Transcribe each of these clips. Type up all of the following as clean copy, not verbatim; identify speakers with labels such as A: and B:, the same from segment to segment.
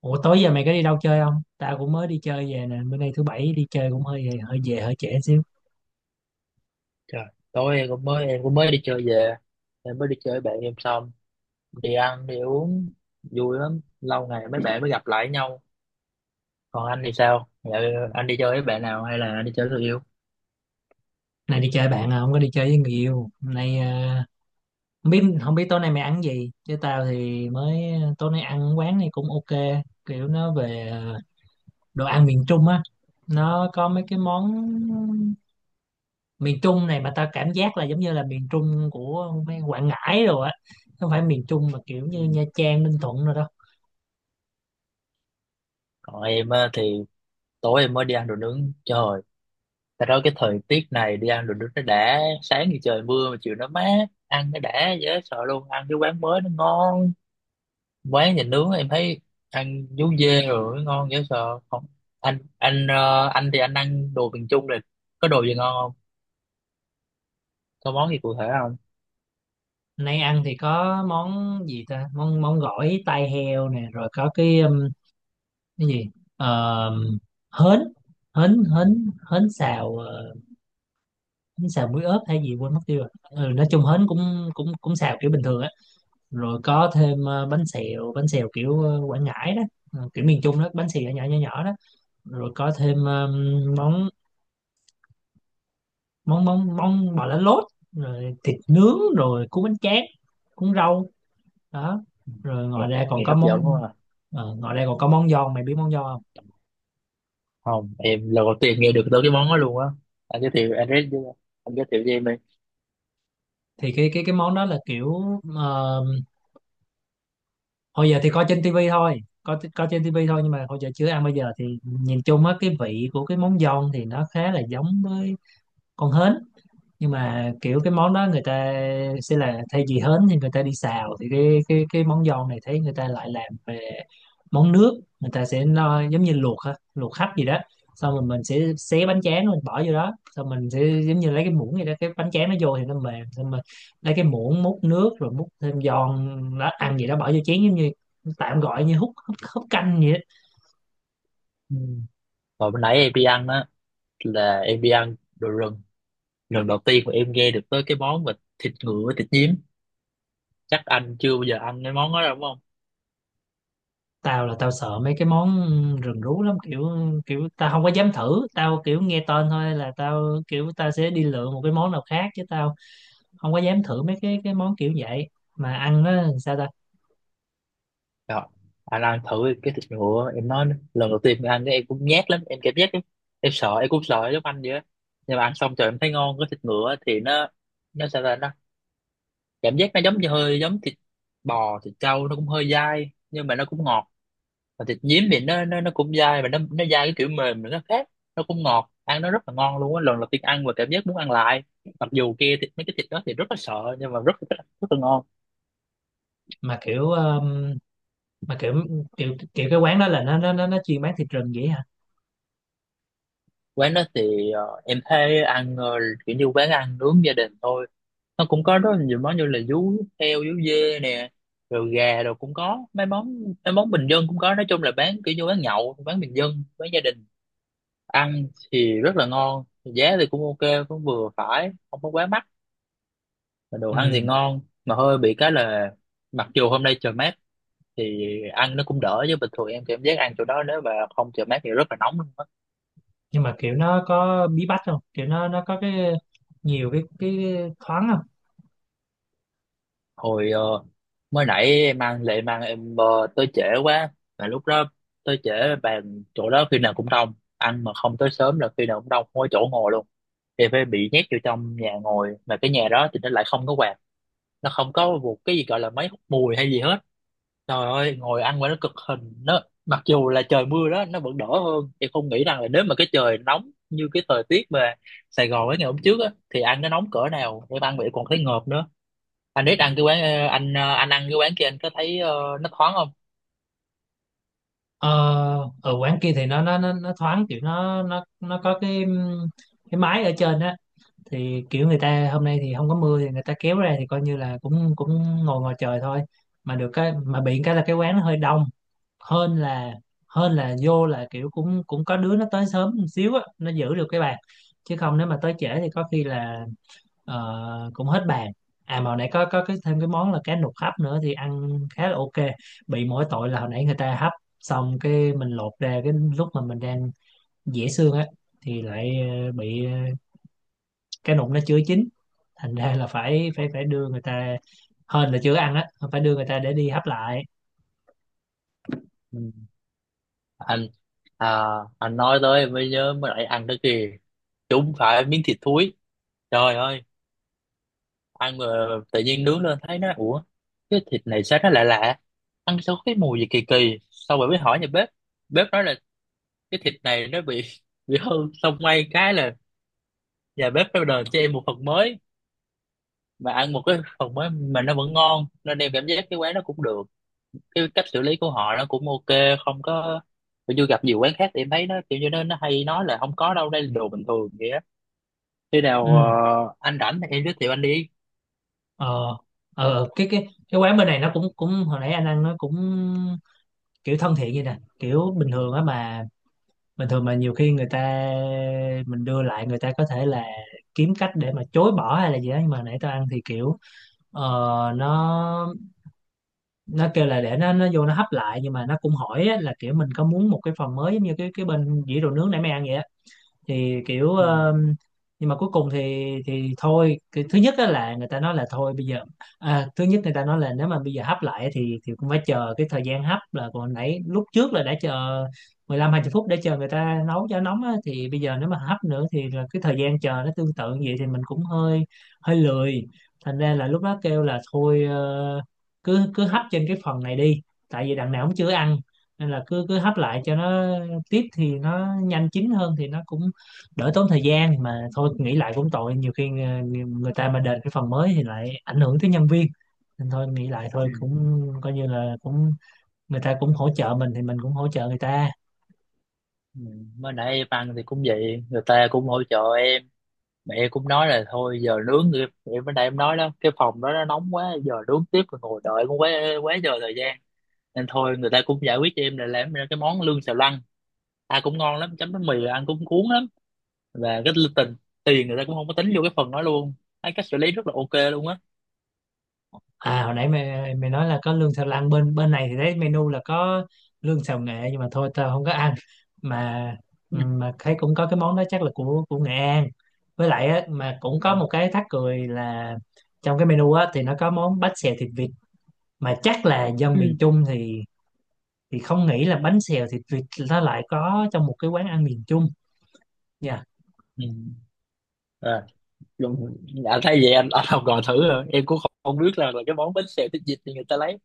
A: Ủa tối giờ mày có đi đâu chơi không? Tao cũng mới đi chơi về nè, bữa nay thứ bảy đi chơi cũng hơi hơi về hơi trễ xíu.
B: Trời, tối em cũng mới đi chơi về. Em mới đi chơi với bạn em xong, đi ăn đi uống vui lắm, lâu ngày mấy bạn mới gặp lại nhau. Còn anh thì sao? Dạ, anh đi chơi với bạn nào hay là anh đi chơi với người yêu?
A: Nay đi chơi bạn à, không có đi chơi với người yêu. Hôm nay à, không biết tối nay mày ăn gì. Chứ tao thì mới tối nay ăn quán này cũng ok, kiểu nó về à, đồ ăn miền Trung á. Nó có mấy cái món miền Trung này mà tao cảm giác là giống như là miền Trung của mấy Quảng Ngãi rồi á. Không phải miền Trung mà kiểu
B: Ừ.
A: như Nha Trang, Ninh Thuận rồi đó.
B: Còn em á, thì tối em mới đi ăn đồ nướng, trời, tại đó cái thời tiết này đi ăn đồ nướng nó đã, sáng thì trời mưa mà chiều nó mát, ăn nó đã dễ sợ luôn. Ăn cái quán mới nó ngon, quán nhà nướng em thấy ăn vú dê rồi ngon dễ sợ không. Anh thì anh ăn đồ miền Trung rồi, có đồ gì ngon không, có món gì cụ thể không?
A: Nay ăn thì có món gì ta, món món gỏi tai heo nè, rồi có cái, cái gì, Ờ, hến hến hến hến xào, hến xào muối ớt hay gì quên mất tiêu rồi, ừ, nói chung hến cũng cũng cũng xào kiểu bình thường á. Rồi có thêm, bánh xèo kiểu, Quảng Ngãi đó, kiểu miền Trung đó, bánh xèo nhỏ nhỏ nhỏ đó. Rồi có thêm, món món món món bò lá lốt, rồi thịt nướng rồi cuốn bánh tráng cuốn rau đó. Rồi
B: Nghe,
A: ngoài ra còn
B: nghe
A: có
B: hấp dẫn
A: món.
B: quá à.
A: Ngoài đây còn có món giòn, mày biết món giòn không?
B: Không, em lần đầu tiên nghe được tới cái món đó luôn á. anh giới thiệu anh giới thiệu, anh giới thiệu cho em đi.
A: Thì cái món đó là kiểu, ờ, hồi giờ thì coi trên tivi thôi, có trên tivi thôi, nhưng mà hồi giờ chưa ăn, bây giờ thì nhìn chung á, cái vị của cái món giòn thì nó khá là giống với con hến. Nhưng mà kiểu cái món đó người ta sẽ là thay vì hến thì người ta đi xào, thì cái món giòn này thấy người ta lại làm về món nước, người ta sẽ nó giống như luộc, ha luộc hấp gì đó, xong rồi mình sẽ xé bánh tráng mình bỏ vô đó, xong mình sẽ giống như lấy cái muỗng gì đó, cái bánh tráng nó vô thì nó mềm, xong mình lấy cái muỗng múc nước, rồi múc thêm giòn đó, ăn gì đó bỏ vô chén, giống như tạm gọi như hút hút, hút canh vậy đó.
B: Ừ. Rồi bữa nãy em đi ăn á, là em đi ăn đồ rừng, lần đầu tiên mà em nghe được tới cái món mà thịt ngựa, thịt nhím. Chắc anh chưa bao giờ ăn cái món đó đâu đúng không?
A: Tao là tao sợ mấy cái món rừng rú lắm, kiểu kiểu tao không có dám thử, tao kiểu nghe tên thôi là tao kiểu tao sẽ đi lựa một cái món nào khác chứ tao không có dám thử mấy cái món kiểu vậy. Mà ăn nó làm sao ta.
B: Rồi, anh ăn thử cái thịt ngựa em nói. Lần đầu tiên ăn cái em cũng nhát lắm, em cảm giác em sợ, em cũng sợ giống anh vậy á. Nhưng mà ăn xong trời em thấy ngon. Cái thịt ngựa thì nó sao ta, nó cảm giác nó giống như hơi giống thịt bò, thịt trâu, nó cũng hơi dai nhưng mà nó cũng ngọt. Và thịt nhím thì nó cũng dai, mà nó dai cái kiểu mềm mà nó khác, nó cũng ngọt, ăn nó rất là ngon luôn á. Lần đầu tiên ăn và cảm giác muốn ăn lại, mặc dù kia thịt mấy cái thịt đó thì rất là sợ nhưng mà rất rất, rất là ngon.
A: Mà kiểu, mà kiểu kiểu kiểu cái quán đó là nó chuyên bán thịt rừng vậy hả?
B: Quán đó thì em thấy ăn kiểu như quán ăn nướng gia đình thôi, nó cũng có rất là nhiều món như là vú heo, vú dê nè, rồi gà, rồi cũng có mấy món, mấy món bình dân cũng có. Nói chung là bán kiểu như bán nhậu, bán bình dân, bán gia đình. Ăn thì rất là ngon, giá thì cũng ok, cũng vừa phải không có quá mắc, mà đồ ăn thì
A: Ừ.
B: ngon. Mà hơi bị cái là, mặc dù hôm nay trời mát thì ăn nó cũng đỡ, chứ bình thường em cảm giác ăn chỗ đó nếu mà không trời mát thì rất là nóng luôn á.
A: Nhưng mà kiểu nó có bí bách không, kiểu nó có cái nhiều cái thoáng không?
B: Hồi mới nãy em ăn lệ mang em tới trễ quá, mà lúc đó tới trễ, bàn chỗ đó khi nào cũng đông, ăn mà không tới sớm là khi nào cũng đông, không có chỗ ngồi luôn, thì phải bị nhét vô trong nhà ngồi. Mà cái nhà đó thì nó lại không có quạt, nó không có một cái gì gọi là máy hút mùi hay gì hết. Trời ơi ngồi ăn mà nó cực hình, nó mặc dù là trời mưa đó nó vẫn đỡ hơn. Em không nghĩ rằng là nếu mà cái trời nóng như cái thời tiết mà Sài Gòn ấy ngày hôm trước á thì ăn nó nóng cỡ nào, em ăn vậy còn thấy ngợp nữa. Anh biết ăn cái quán anh anh ăn cái quán kia, anh có thấy nó thoáng không?
A: ờ Ở quán kia thì nó thoáng, kiểu nó có cái, cái mái ở trên á, thì kiểu người ta hôm nay thì không có mưa thì người ta kéo ra, thì coi như là cũng cũng ngồi ngoài trời thôi. Mà được cái, mà bị cái là cái quán nó hơi đông hơn là hơn là vô là kiểu cũng cũng có đứa nó tới sớm một xíu á, nó giữ được cái bàn, chứ không nếu mà tới trễ thì có khi là, cũng hết bàn. À mà hồi nãy có cái thêm cái món là cá nục hấp nữa thì ăn khá là ok. Bị mỗi tội là hồi nãy người ta hấp xong cái mình lột ra, cái lúc mà mình đang dẻ xương á, thì lại, bị, cái nụng nó chưa chín, thành ra là phải phải phải đưa người ta, hên là chưa ăn á, phải đưa người ta để đi hấp lại.
B: Ừ. Anh à, anh nói tới em mới nhớ mới lại ăn tới kìa, chúng phải miếng thịt thúi. Trời ơi, ăn mà tự nhiên nướng lên thấy nó, ủa, cái thịt này sao nó lạ lạ, ăn sao có cái mùi gì kỳ kỳ. Xong rồi mới hỏi nhà bếp, bếp nói là cái thịt này nó bị bị hư. Xong may cái là nhà bếp nó đền cho em một phần mới, mà ăn một cái phần mới mà nó vẫn ngon, nên em cảm giác cái quán nó cũng được, cái cách xử lý của họ nó cũng ok. Không có, tôi chưa gặp nhiều quán khác thì em thấy nó kiểu như nó hay nói là không có đâu, đây là đồ bình thường vậy á. Khi nào
A: Ừ.
B: anh rảnh thì em giới thiệu anh đi.
A: ờ cái quán bên này nó cũng cũng hồi nãy anh ăn nó cũng kiểu thân thiện vậy nè, kiểu bình thường á. Mà bình thường mà nhiều khi người ta, mình đưa lại người ta có thể là kiếm cách để mà chối bỏ hay là gì đó, nhưng mà hồi nãy tao ăn thì kiểu, ờ, nó nó kêu là để nó vô nó hấp lại, nhưng mà nó cũng hỏi á, là kiểu mình có muốn một cái phần mới, giống như cái bên dĩa đồ nướng nãy mày ăn vậy, thì kiểu,
B: Ừ.
A: nhưng mà cuối cùng thì, thôi cái thứ nhất á là người ta nói là thôi bây giờ, à, thứ nhất người ta nói là nếu mà bây giờ hấp lại thì cũng phải chờ cái thời gian hấp, là còn nãy lúc trước là đã chờ 15 20 phút để chờ người ta nấu cho nóng á, thì bây giờ nếu mà hấp nữa thì là cái thời gian chờ nó tương tự như vậy, thì mình cũng hơi hơi lười, thành ra là lúc đó kêu là thôi, cứ cứ hấp trên cái phần này đi, tại vì đằng nào cũng chưa ăn, nên là cứ cứ hấp lại cho nó tiếp thì nó nhanh chín hơn, thì nó cũng đỡ tốn thời gian. Mà thôi nghĩ lại cũng tội, nhiều khi, người ta mà đền cái phần mới thì lại ảnh hưởng tới nhân viên, nên thôi nghĩ lại thôi
B: Ừ.
A: cũng coi như là cũng, người ta cũng hỗ trợ mình thì mình cũng hỗ trợ người ta.
B: Ừ. Mới nãy em ăn thì cũng vậy, người ta cũng hỗ trợ em, mẹ em cũng nói là thôi giờ nướng thì em mới nãy em nói đó, cái phòng đó nó nóng quá, giờ nướng tiếp rồi ngồi đợi cũng quá quá giờ thời gian. Nên thôi người ta cũng giải quyết cho em là làm ra cái món lươn xào lăn, ăn cũng ngon lắm, chấm bánh mì ăn cũng cuốn lắm. Và cái tình tiền người ta cũng không có tính vô cái phần đó luôn, thấy cách xử lý rất là ok luôn á.
A: À hồi nãy mày mày nói là có lương xào lăn, bên bên này thì thấy menu là có lương xào nghệ, nhưng mà thôi tao không có ăn. mà
B: Ừ.
A: mà thấy cũng có cái món đó chắc là của Nghệ An. Với lại á, mà cũng có một cái thắc cười là, trong cái menu á thì nó có món bánh xèo thịt vịt, mà chắc là dân miền
B: Ừ.
A: Trung thì không nghĩ là bánh xèo thì tuyệt, nó lại có trong một cái quán ăn miền Trung nha.
B: Ừ. À, luôn- à, thay vậy anh học gọi thử rồi em cũng không biết là cái món bánh xèo thịt vịt thì người ta lấy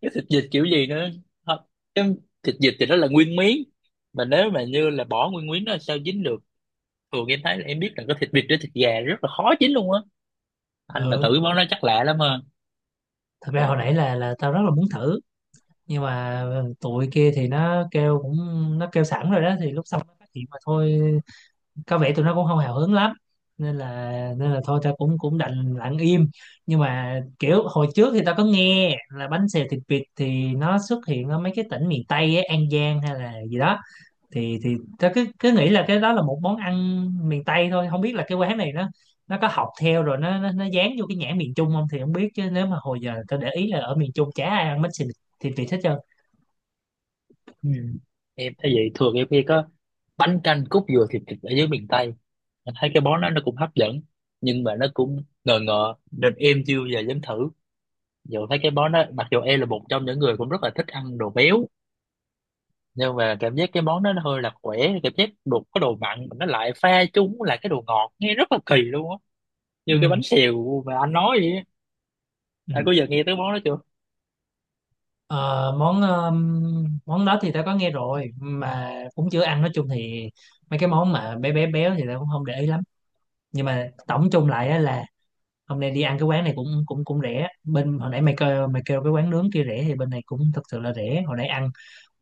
B: cái thịt vịt kiểu gì nữa. Hả? Cái thịt vịt thì nó là nguyên miếng, mà nếu mà như là bỏ nguyên miếng nó sao dính được. Thường em thấy là em biết là cái thịt vịt với thịt gà rất là khó dính luôn á. Anh mà
A: Ừ.
B: tự món nó chắc lạ lắm ha.
A: Thật ra hồi nãy là tao rất là muốn thử, nhưng mà ừ, tụi kia thì nó kêu cũng, nó kêu sẵn rồi đó thì lúc xong nó phát hiện mà thôi, có vẻ tụi nó cũng không hào hứng lắm, nên là, thôi tao cũng cũng đành lặng im. Nhưng mà kiểu hồi trước thì tao có nghe là bánh xèo thịt vịt thì nó xuất hiện ở mấy cái tỉnh miền Tây ấy, An Giang hay là gì đó, thì tớ cứ cứ nghĩ là cái đó là một món ăn miền Tây thôi, không biết là cái quán này nó có học theo rồi nó dán vô cái nhãn miền Trung không thì không biết, chứ nếu mà hồi giờ tớ để ý là ở miền Trung chả ai ăn bánh xì thịt vịt hết trơn.
B: Ừ. Em thấy vậy, thường em khi có bánh canh cốt dừa thịt vịt ở dưới miền Tây, mình thấy cái món đó nó cũng hấp dẫn nhưng mà nó cũng ngờ ngợ nên em chưa bao giờ dám thử, dù thấy cái món đó. Mặc dù em là một trong những người cũng rất là thích ăn đồ béo, nhưng mà cảm giác cái món đó nó hơi là khỏe, cảm giác đồ có đồ mặn mà nó lại pha chúng là cái đồ ngọt nghe rất là kỳ luôn á, như cái
A: Ừ,
B: bánh xèo mà anh nói vậy á.
A: ừ.
B: Anh có giờ nghe tới món đó chưa?
A: Ờ, món, món đó thì tớ có nghe rồi mà cũng chưa ăn. Nói chung thì mấy cái món mà bé bé béo thì tớ cũng không để ý lắm. Nhưng mà tổng chung lại á là hôm nay đi ăn cái quán này cũng cũng cũng rẻ. Bên hồi nãy mày kêu cái quán nướng kia rẻ, thì bên này cũng thật sự là rẻ. Hồi nãy ăn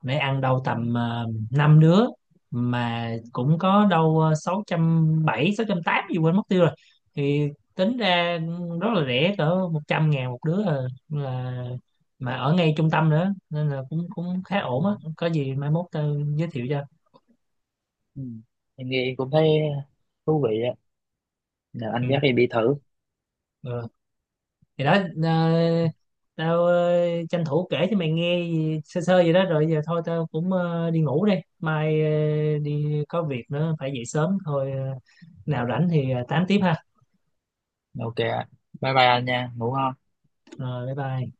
A: phải ăn đâu tầm, 5 đứa mà cũng có đâu, 600 700 800 gì quên mất tiêu rồi. Thì tính ra rất là rẻ, cỡ 100.000 một đứa à. Là mà ở ngay trung tâm nữa nên là cũng cũng khá
B: Ừ.
A: ổn á. Có gì mai mốt tao giới thiệu cho.
B: Ừ. Em nghe em cũng thấy thú vị á. Nào,
A: Ừ.
B: anh dắt em đi thử.
A: Ừ. Thì đó, ờ, tao, tranh thủ kể cho mày nghe gì- sơ sơ vậy đó, rồi giờ thôi tao cũng, đi ngủ đây, mai, đi có việc nữa phải dậy sớm thôi, nào rảnh thì, tám tiếp ha.
B: Ok ạ, bye bye anh nha, ngủ ngon.
A: Rồi bye bye.